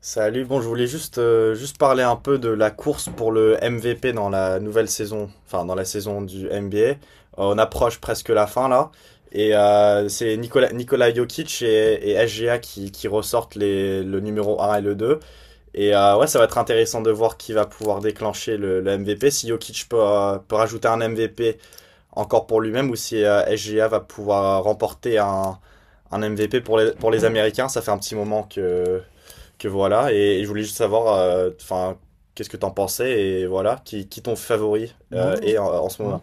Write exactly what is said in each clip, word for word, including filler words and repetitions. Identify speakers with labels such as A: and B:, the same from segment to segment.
A: Salut, bon, je voulais juste, euh, juste parler un peu de la course pour le M V P dans la nouvelle saison, enfin dans la saison du N B A. Euh, on approche presque la fin là, et euh, c'est Nikola, Nikola Jokic et, et S G A qui, qui ressortent les, le numéro un et le deux. Et euh, ouais, ça va être intéressant de voir qui va pouvoir déclencher le, le M V P, si Jokic peut, euh, peut rajouter un M V P encore pour lui-même, ou si euh, S G A va pouvoir remporter un, un M V P pour les, pour les Américains. Ça fait un petit moment que que voilà, et, et je voulais juste savoir, euh, enfin, qu'est-ce que t'en pensais, et voilà, qui, qui ton favori
B: Ouais,
A: euh, est en, en ce
B: ouais.
A: moment.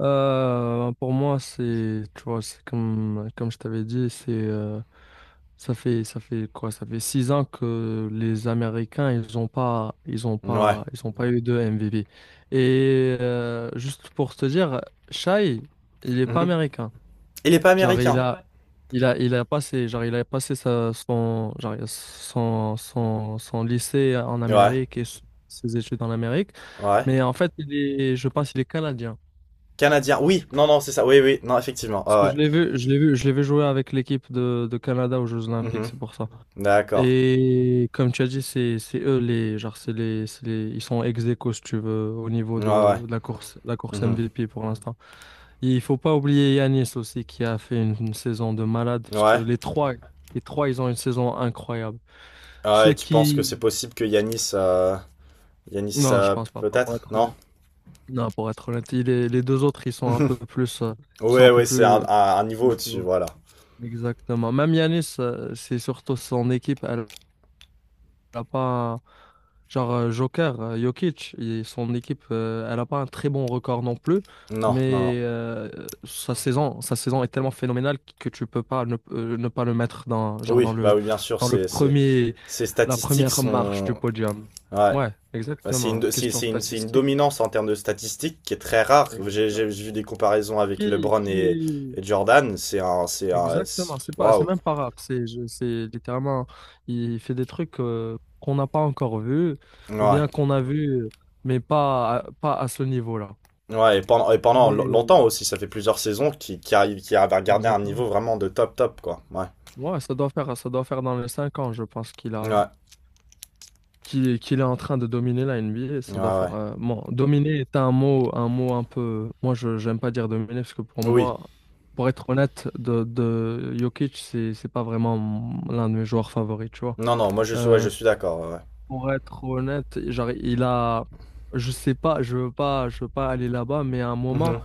B: Euh, pour moi, c'est, tu vois, c'est comme, comme je t'avais dit, c'est, euh, ça fait, ça fait quoi? Ça fait six ans que les Américains, ils ont pas, ils ont
A: Ouais.
B: pas, ils ont pas eu de M V M V P. Et euh, juste pour te dire, Shai, il est pas
A: Mhm.
B: américain.
A: Il est pas
B: Genre, il
A: américain.
B: a, ouais, il a, il a passé, genre, il a passé sa, son, genre, son, son, son lycée en
A: Ouais.
B: Amérique et s- ses études en Amérique.
A: Ouais.
B: Mais en fait, il est, je pense, il est canadien.
A: Canadien. Oui. Non, non, c'est ça. Oui, oui. Non, effectivement.
B: Parce que
A: Ouais.
B: je l'ai vu, je l'ai vu, je l'ai vu jouer avec l'équipe de, de Canada aux Jeux
A: Ouais.
B: Olympiques,
A: Mhm.
B: c'est pour ça.
A: D'accord.
B: Et comme tu as dit, c'est c'est eux les, genre, c'est les, c'est les- ils sont ex aequo, si tu veux, au niveau
A: Ouais, ouais.
B: de, de la course, la course
A: Mhm.
B: M V P pour l'instant. Et il faut pas oublier Yanis aussi, qui a fait une, une saison de malade, parce que
A: Ouais.
B: les trois les trois, ils ont une saison incroyable.
A: Ah,
B: Ceux
A: et tu penses que
B: qui
A: c'est possible que Yanis, euh, Yanis,
B: Non, je
A: euh, p-
B: pense pas, pas pour
A: peut-être?
B: être
A: Non?
B: honnête. Non, pour être honnête, il est- les deux autres, ils sont un
A: Mhm.
B: peu plus euh, ils sont un
A: Ouais,
B: peu
A: ouais, c'est un,
B: plus.
A: un- un niveau au-dessus, voilà.
B: Exactement. Même Yanis, euh, c'est surtout son équipe, elle n'a pas un-, genre, euh, Joker, euh, Jokic, et son équipe, euh, elle n'a pas un très bon record non plus,
A: Non, non, non.
B: mais euh, sa saison, sa saison est tellement phénoménale que tu peux pas ne, euh, ne pas le mettre dans, genre, dans
A: Oui, bah
B: le
A: oui, bien sûr,
B: dans le
A: c'est, c'est
B: premier
A: ces
B: la
A: statistiques
B: première marche
A: sont,
B: du podium.
A: ouais.
B: Ouais,
A: Bah, c'est une,
B: exactement.
A: do- c'est
B: Question
A: c'est une, c'est une
B: statistique.
A: dominance en termes de statistiques qui est très rare. J'ai
B: Exactement.
A: j'ai j'ai vu des comparaisons avec
B: Qui,
A: LeBron et,
B: qui
A: et Jordan. C'est un, c'est un, c'est-
B: Exactement, c'est pas, c'est
A: waouh.
B: même pas rap, c'est, je- c'est littéralement, il fait des trucs, euh, qu'on n'a pas encore vus, ou
A: Ouais.
B: bien qu'on a vus, mais pas, à- pas à ce niveau-là.
A: Ouais, et pendant, et pendant lo-
B: Mais...
A: longtemps aussi, ça fait plusieurs saisons qui, qui arrive, qui arrive à garder un
B: Exactement.
A: niveau vraiment de top top, quoi. Ouais.
B: Ouais, ça doit faire, ça doit faire dans les cinq ans, je pense qu'il a,
A: Ouais.
B: qu'il, qu'il est en train de dominer la N B A.
A: Ouais,
B: Ça doit faire,
A: ouais.
B: euh, bon, dominer est un mot, un mot un peu, moi je, j'aime pas dire dominer, parce que pour
A: Oui.
B: moi, pour être honnête, de, de Jokic, c'est, c'est pas vraiment l'un de mes joueurs favoris, tu vois.
A: Non, non, moi je suis, ouais, je
B: Euh,
A: suis d'accord. Ouais.
B: Pour être honnête, genre, il a, je sais pas, je veux pas, je veux pas aller là-bas, mais à un
A: Ouais.
B: moment,
A: Mhm.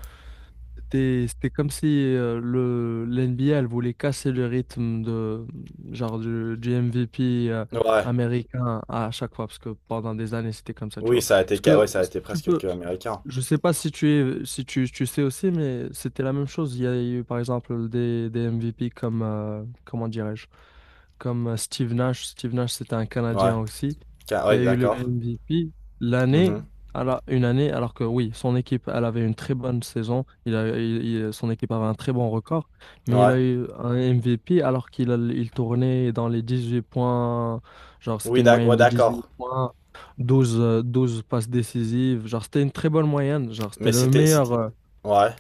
B: c'était, c'était comme si euh, le, l'N B A, elle voulait casser le rythme de, genre, du, du M V P, euh,
A: Ouais.
B: américain à chaque fois, parce que pendant des années, c'était comme ça, tu
A: Oui,
B: vois.
A: ça a été,
B: Parce
A: ca- ouais,
B: que
A: ça a été
B: tu
A: presque
B: peux,
A: que américain.
B: je sais pas si tu es, si tu, tu sais aussi, mais c'était la même chose. Il y a eu, par exemple, des, des M V P comme, euh, comment dirais-je? Comme euh, Steve Nash. Steve Nash, c'était un
A: Ouais.
B: Canadien aussi,
A: Ca-
B: qui
A: Ouais,
B: a eu le
A: d'accord.
B: M V P l'année,
A: Mhm.
B: à la- une année, alors que, oui, son équipe, elle avait une très bonne saison, il a, il- il- son équipe avait un très bon record, mais il
A: Ouais.
B: a eu un M V P alors qu'il a- il tournait dans les dix huit points, genre c'était
A: Oui,
B: une
A: d'ac-
B: moyenne
A: ouais,
B: de dix huit
A: d'accord.
B: points, douze euh, douze passes décisives, genre c'était une très bonne moyenne, genre c'était
A: Mais
B: le
A: c'était,
B: meilleur.
A: c'était,
B: euh,
A: ouais.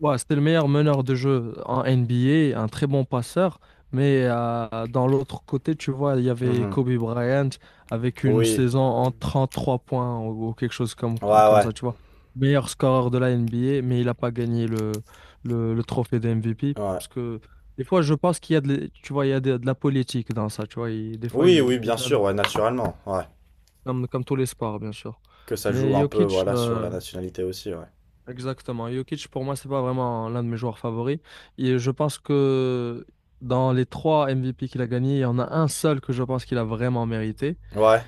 B: Ouais, c'était le meilleur meneur de jeu en N B A, un très bon passeur. Mais euh, dans l'autre côté, tu vois, il y avait
A: Mhm.
B: Kobe Bryant avec une
A: Oui,
B: saison en trente-trois points ou, ou quelque chose comme,
A: ouais,
B: comme
A: ouais,
B: ça, tu vois. Meilleur scoreur de la N B A, mais il n'a pas gagné le, le, le trophée de M V P.
A: ouais.
B: Parce que des fois, je pense qu'il y a de, l'- tu vois, il y a de, de la politique dans ça, tu vois. Il- des fois,
A: Oui,
B: il,
A: oui,
B: il
A: bien sûr,
B: donne,
A: ouais, naturellement, ouais.
B: comme, comme tous les sports, bien sûr.
A: Que ça joue
B: Mais
A: un peu,
B: Jokic,
A: voilà, sur la
B: euh,
A: nationalité aussi, ouais.
B: Exactement. Jokic, pour moi, c'est pas vraiment l'un de mes joueurs favoris. Et je pense que dans les trois M V P qu'il a gagnés, il y en a un seul que je pense qu'il a vraiment mérité.
A: Ouais,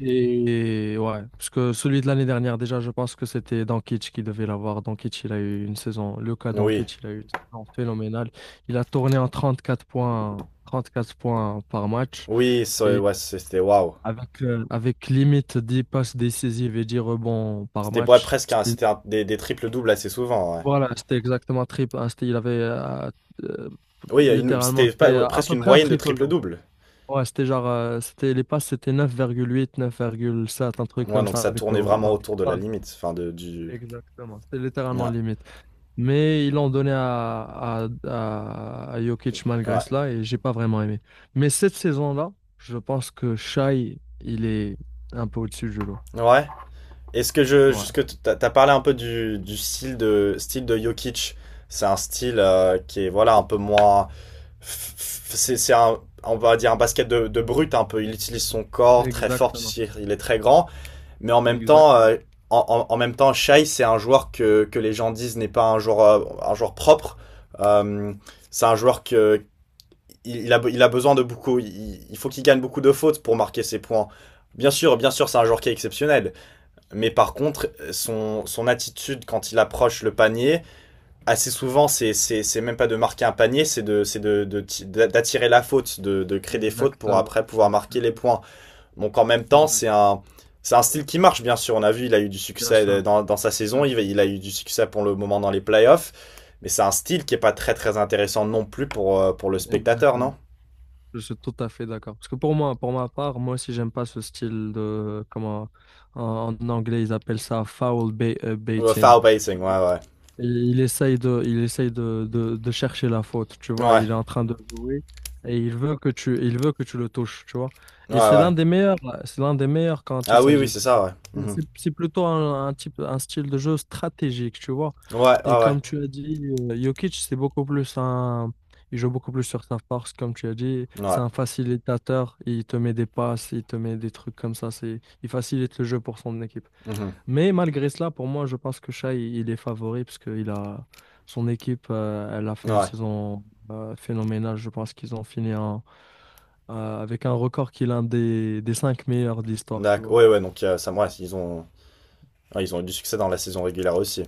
B: Et, ouais, parce que celui de l'année dernière, déjà, je pense que c'était Doncic qui devait l'avoir. Doncic, il a eu une saison, le cas
A: oui,
B: Doncic, il a eu une saison phénoménale. Il a tourné en trente-quatre points, trente-quatre points par match.
A: oui, c'est-
B: Et
A: ouais, c'est- c'était waouh.
B: avec, euh, avec limite dix passes décisives et dix rebonds par
A: C'était ouais,
B: match.
A: presque un-
B: C'est
A: c'était un- des, des triples-doubles assez souvent, ouais.
B: Voilà, c'était exactement trip. Hein, c'était-, il avait euh, euh,
A: Oui, une-
B: littéralement,
A: c'était
B: c'était,
A: pas, ouais,
B: euh, à
A: presque
B: peu
A: une
B: près un
A: moyenne de
B: triple double.
A: triple-double.
B: Ouais, c'était genre, euh, c'était, les passes, c'était neuf neuf virgule huit, neuf virgule sept, un truc
A: Ouais,
B: comme
A: donc
B: ça,
A: ça
B: avec le
A: tournait
B: rebond.
A: vraiment
B: Donc,
A: autour de
B: ouais,
A: la limite, enfin, de, du...
B: exactement, c'était littéralement
A: Ouais,
B: limite. Mais ils l'ont donné à, à, à, à Jokic malgré
A: ouais.
B: cela, et j'ai pas vraiment aimé. Mais cette saison-là, je pense que Shai, il est un peu au-dessus du lot.
A: Ouais. Est-ce que je... est
B: Ouais,
A: Jusque, t'as t'as parlé un peu du, du style de, style de Jokic. C'est un style euh, qui est, voilà, un peu moins... c'est c'est un on va dire un basket de, de, brut un peu. Il utilise son corps très fort parce
B: exactement,
A: qu'il est très grand, mais en même temps,
B: exactement,
A: euh, en, en, en même temps, Shai c'est un joueur que, que les gens disent n'est pas un joueur euh, un joueur propre. Euh, c'est un joueur que il a, il a besoin de beaucoup. Il, il faut qu'il gagne beaucoup de fautes pour marquer ses points. Bien sûr, bien sûr, c'est un joueur qui est exceptionnel. Mais par contre, son, son attitude quand il approche le panier, assez souvent, c'est, c'est, c'est même pas de marquer un panier, c'est d'attirer de, c'est de, de d'attirer la faute, de, de créer des fautes pour
B: exactement,
A: après pouvoir marquer les
B: exactement.
A: points. Donc en même temps, c'est
B: Exact.
A: un, c'est un style qui marche, bien sûr. On a vu, il a eu du
B: Bien
A: succès
B: sûr.
A: euh, dans, dans sa saison,
B: Ouais,
A: il,
B: je-
A: il a eu du succès pour le moment dans les playoffs. Mais c'est un style qui est pas très très intéressant non plus pour, euh, pour le spectateur, non.
B: Exactement. Je suis tout à fait d'accord. Parce que pour moi, pour ma part, moi aussi, j'aime pas ce style de, comment, en, en anglais, ils appellent ça foul ba- euh,
A: Ouais,
B: baiting.
A: Foul pacing, ouais, ouais.
B: Et il essaye de, il essaye de, de, de chercher la faute, tu vois.
A: Ouais,
B: Il est en train de jouer et il veut que tu, il veut que tu le touches, tu vois.
A: ouais,
B: Et c'est l'un
A: ouais.
B: des meilleurs, c'est l'un des meilleurs quand il
A: Ah oui,
B: s'agit.
A: oui, c'est ça, ouais.
B: de-
A: Mhm.
B: C'est, c'est plutôt un, un type, un style de jeu stratégique, tu vois.
A: Ouais,
B: Et
A: ouais, ouais.
B: comme tu as dit, euh, Jokic, c'est beaucoup plus un, il joue beaucoup plus sur sa force, comme tu as dit.
A: Ouais.
B: C'est un facilitateur. Il te met des passes, il te met des trucs comme ça. C'est, il facilite le jeu pour son équipe.
A: Mhm.
B: Mais malgré cela, pour moi, je pense que Shai, il est favori parce que il a, son équipe, euh, elle a fait une
A: Ouais.
B: saison, euh, phénoménale. Je pense qu'ils ont fini en-, euh, avec un record qui est l'un des, des cinq meilleurs de l'histoire, tu
A: D'accord.
B: vois.
A: Ouais, ouais, donc euh, ça, ouais, ils ont, ouais, ils ont eu du succès dans la saison régulière aussi.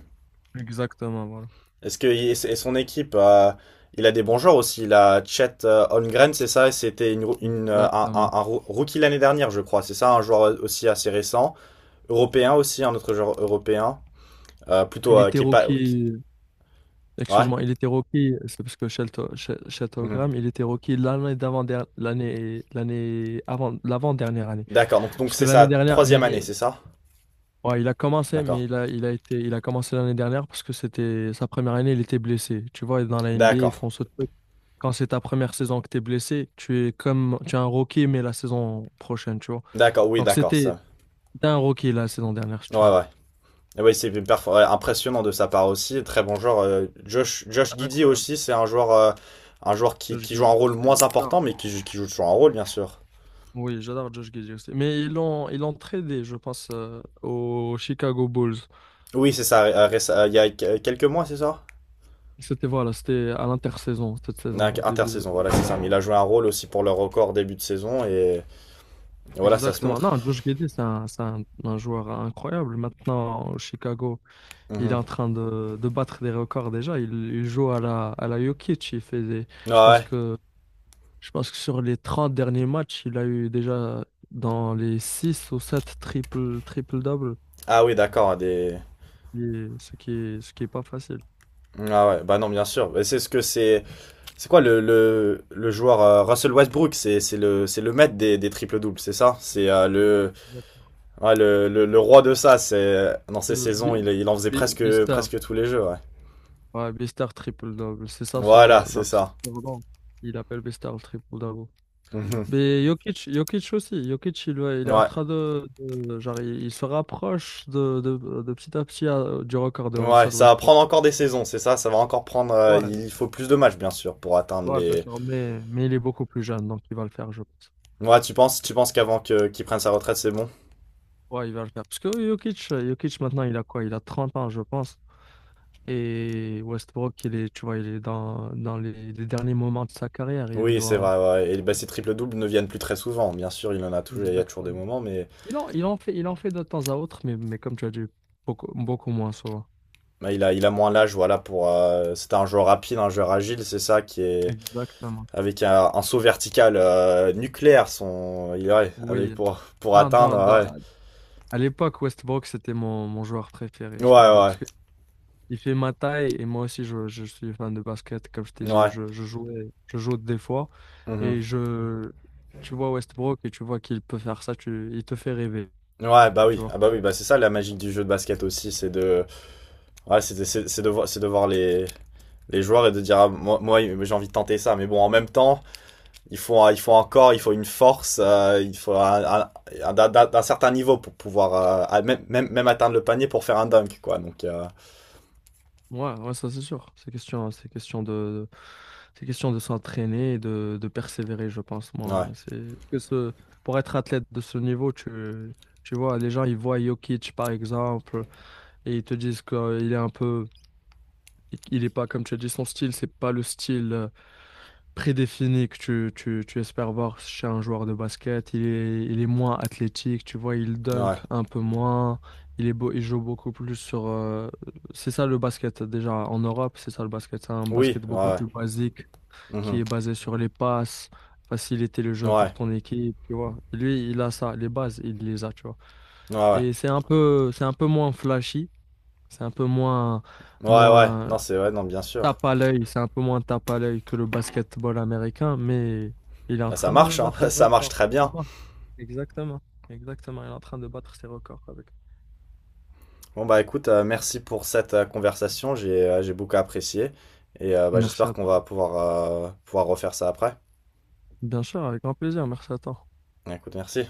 B: Exactement, voilà.
A: Est-ce que et son équipe, euh, il a des bons joueurs aussi. Il a Chet euh, Holmgren, c'est ça. C'était une, une, euh, un, un-
B: Exactement.
A: un roo- rookie l'année dernière, je crois. C'est ça, un joueur aussi assez récent. Européen aussi, un autre joueur européen. Euh, plutôt
B: Il
A: euh,
B: était
A: qui est pas. Ouais, qui-
B: rookie,
A: Ouais.
B: excuse-moi, il était rookie, c'est parce que Shelto- She-
A: Mhm.
B: Sheltogram, il était rookie l'année d'avant der- l'année l'année avant l'avant-dernière année.
A: D'accord. Donc donc
B: Parce que
A: c'est
B: l'année
A: sa
B: dernière,
A: troisième
B: mais
A: année, c'est ça?
B: ouais, il a commencé,
A: D'accord.
B: mais il a, il a été, il a commencé l'année dernière parce que c'était sa première année, il était blessé. Tu vois, dans la N B A, ils
A: D'accord.
B: font ce truc. Quand c'est ta première saison que tu es blessé, tu es comme, tu es un rookie, mais la saison prochaine, tu vois.
A: D'accord. Oui,
B: Donc
A: d'accord.
B: c'était,
A: Ça.
B: c'était un rookie la saison dernière, si
A: Ouais,
B: tu veux.
A: ouais. Et oui, c'est perfor- ouais, impressionnant de sa part aussi. Très bon joueur. Euh, Josh, Josh Giddey aussi,
B: Incroyable.
A: c'est un joueur, euh, un joueur qui,
B: Josh
A: qui joue un
B: Giddey
A: rôle
B: aussi,
A: moins
B: j'adore.
A: important, mais qui, qui joue toujours un rôle, bien sûr.
B: Oui, j'adore Josh Giddey aussi. Mais ils l'ont, ils l'ont tradé, je pense, euh, aux Chicago Bulls.
A: Oui, c'est ça. euh, réce- euh, il y a que- quelques mois, c'est ça?
B: C'était, voilà, c'était à l'intersaison, cette
A: Non,
B: saison, au début.
A: intersaison,
B: euh,
A: voilà, c'est ça.
B: genre,
A: Mais il a joué un rôle aussi pour le record début de saison et, et voilà, ça se
B: Exactement.
A: montre.
B: Non, Josh Giddey, c'est un, c'est un- un joueur incroyable. Maintenant, au Chicago, il est
A: Mhm.
B: en train de, de battre des records déjà. Il, il joue à la, à la Jokic. Il fait des, je
A: Ah
B: pense
A: ouais.
B: que, je pense que sur les trente derniers matchs, il a eu déjà dans les six ou sept triple, triple-double.
A: Ah oui, d'accord. Des...
B: Et ce qui est, ce qui est pas facile.
A: Ah ouais, bah non, bien sûr. Mais c'est ce que c'est. C'est quoi le, le, le joueur euh, Russell Westbrook? C'est c'est le, c'est le maître des, des triples-doubles, c'est ça? C'est euh, le,
B: Exact.
A: ouais, le, le, le roi de ça. C'est dans ces
B: Euh,
A: saisons,
B: Bi-
A: il, il en faisait
B: Bi-
A: presque,
B: Bister,
A: presque tous les jeux, ouais.
B: ouais, Bister triple-double. C'est ça son,
A: Voilà, c'est
B: genre,
A: ça.
B: son nom. Il appelle Bister le triple-double.
A: Mhm.
B: Mais Jokic, Jokic aussi. Jokic, il, ouais, il est en
A: Ouais.
B: train de, de- genre, il, il se rapproche de, de, de petit à petit à- du record de
A: Ouais,
B: Russell
A: ça va
B: Westbrook.
A: prendre encore des saisons, c'est ça, ça va encore prendre euh,
B: Ouais,
A: il faut plus de matchs bien sûr pour atteindre
B: ouais, bien
A: les.
B: sûr, mais, mais il est beaucoup plus jeune, donc il va le faire, je pense.
A: Ouais, tu penses tu penses qu'avant que qu'il prenne sa retraite, c'est bon?
B: Ouais, il va le faire. Parce que Jokic, euh, Jokic maintenant, il a quoi? Il a trente ans, je pense. Et Westbrook, il est, tu vois, il est dans, dans les, les derniers moments de sa carrière. Il
A: Oui, c'est
B: doit.
A: vrai, ouais. Et bah, ces triple-doubles ne viennent plus très souvent. Bien sûr, il en a toujours, il y a toujours des
B: Exactement.
A: moments mais
B: Il en, il en fait, il en fait de temps à autre, mais, mais comme tu as dit, beaucoup, beaucoup moins souvent.
A: bah, il a il a moins l'âge voilà pour euh, c'était un joueur rapide, un joueur agile, c'est ça qui est
B: Exactement.
A: avec un, un saut vertical euh, nucléaire son il ouais, avec
B: Oui.
A: pour pour
B: Non, dans,
A: atteindre ouais.
B: dans- à l'époque, Westbrook, c'était mon, mon joueur préféré,
A: Ouais
B: je me rappelle.
A: ouais.
B: Parce que il fait ma taille et moi aussi, je, je suis fan de basket. Comme je t'ai dit,
A: Ouais.
B: je, je jouais, je joue des fois.
A: Mhm.
B: Et je, tu vois Westbrook et tu vois qu'il peut faire ça, tu, il te fait rêver,
A: Ouais, bah
B: tu
A: oui.
B: vois.
A: Ah bah oui, bah c'est ça la magie du jeu de basket aussi, c'est de. Ouais, c'est c'est- c'est de, voir- c'est de voir les, les joueurs et de dire, ah, moi, moi j'ai envie de tenter ça. Mais bon, en même temps, il faut, un- il faut encore, il faut une force, euh, il faut un, un- un- d'un- d'un d'un certain niveau pour pouvoir, euh, à- même, même, même atteindre le panier pour faire un dunk, quoi. Donc, euh,
B: Ouais, ouais, ça c'est sûr. C'est question, c'est question de, c'est question de s'entraîner et de, de persévérer, je pense, moi.
A: ouais,
B: C'est, parce que ce, pour être athlète de ce niveau, tu, tu vois, les gens, ils voient Jokic, par exemple. Et ils te disent qu'il est un peu, il est pas, comme tu as dit, son style, c'est pas le style, euh, prédéfini que tu, tu, tu espères voir chez un joueur de basket. Il est, il est moins athlétique, tu vois, il dunk
A: ouais.
B: un peu moins, il est beau, il joue beaucoup plus sur. Euh, c'est ça le basket, déjà en Europe, c'est ça le basket, c'est un
A: Oui,
B: basket
A: ouais,
B: beaucoup
A: ouais.
B: plus basique qui
A: Mhm.
B: est basé sur les passes. Faciliter le jeu pour
A: Ouais,
B: ton équipe, tu vois. Lui, il a ça, les bases, il les a, tu vois.
A: ouais, ouais.
B: Et c'est un peu, c'est un peu moins flashy, c'est un peu moins,
A: Ouais, ouais.
B: moins
A: Non, c'est, ouais, non, bien sûr.
B: tape à l'œil, c'est un peu moins tape à l'œil que le basketball américain, mais il est en
A: Bah, ça
B: train de
A: marche, hein.
B: battre des
A: Ça marche
B: records.
A: très
B: Ah
A: bien.
B: bon. Exactement, exactement, il est en train de battre ses records avec.
A: Bon, bah, écoute, euh, merci pour cette euh, conversation. J'ai, euh, j'ai beaucoup apprécié. Et euh, bah,
B: Merci
A: j'espère
B: à
A: qu'on va
B: toi.
A: pouvoir, euh, pouvoir refaire ça après.
B: Bien sûr, avec grand plaisir, merci à toi.
A: Écoute, merci.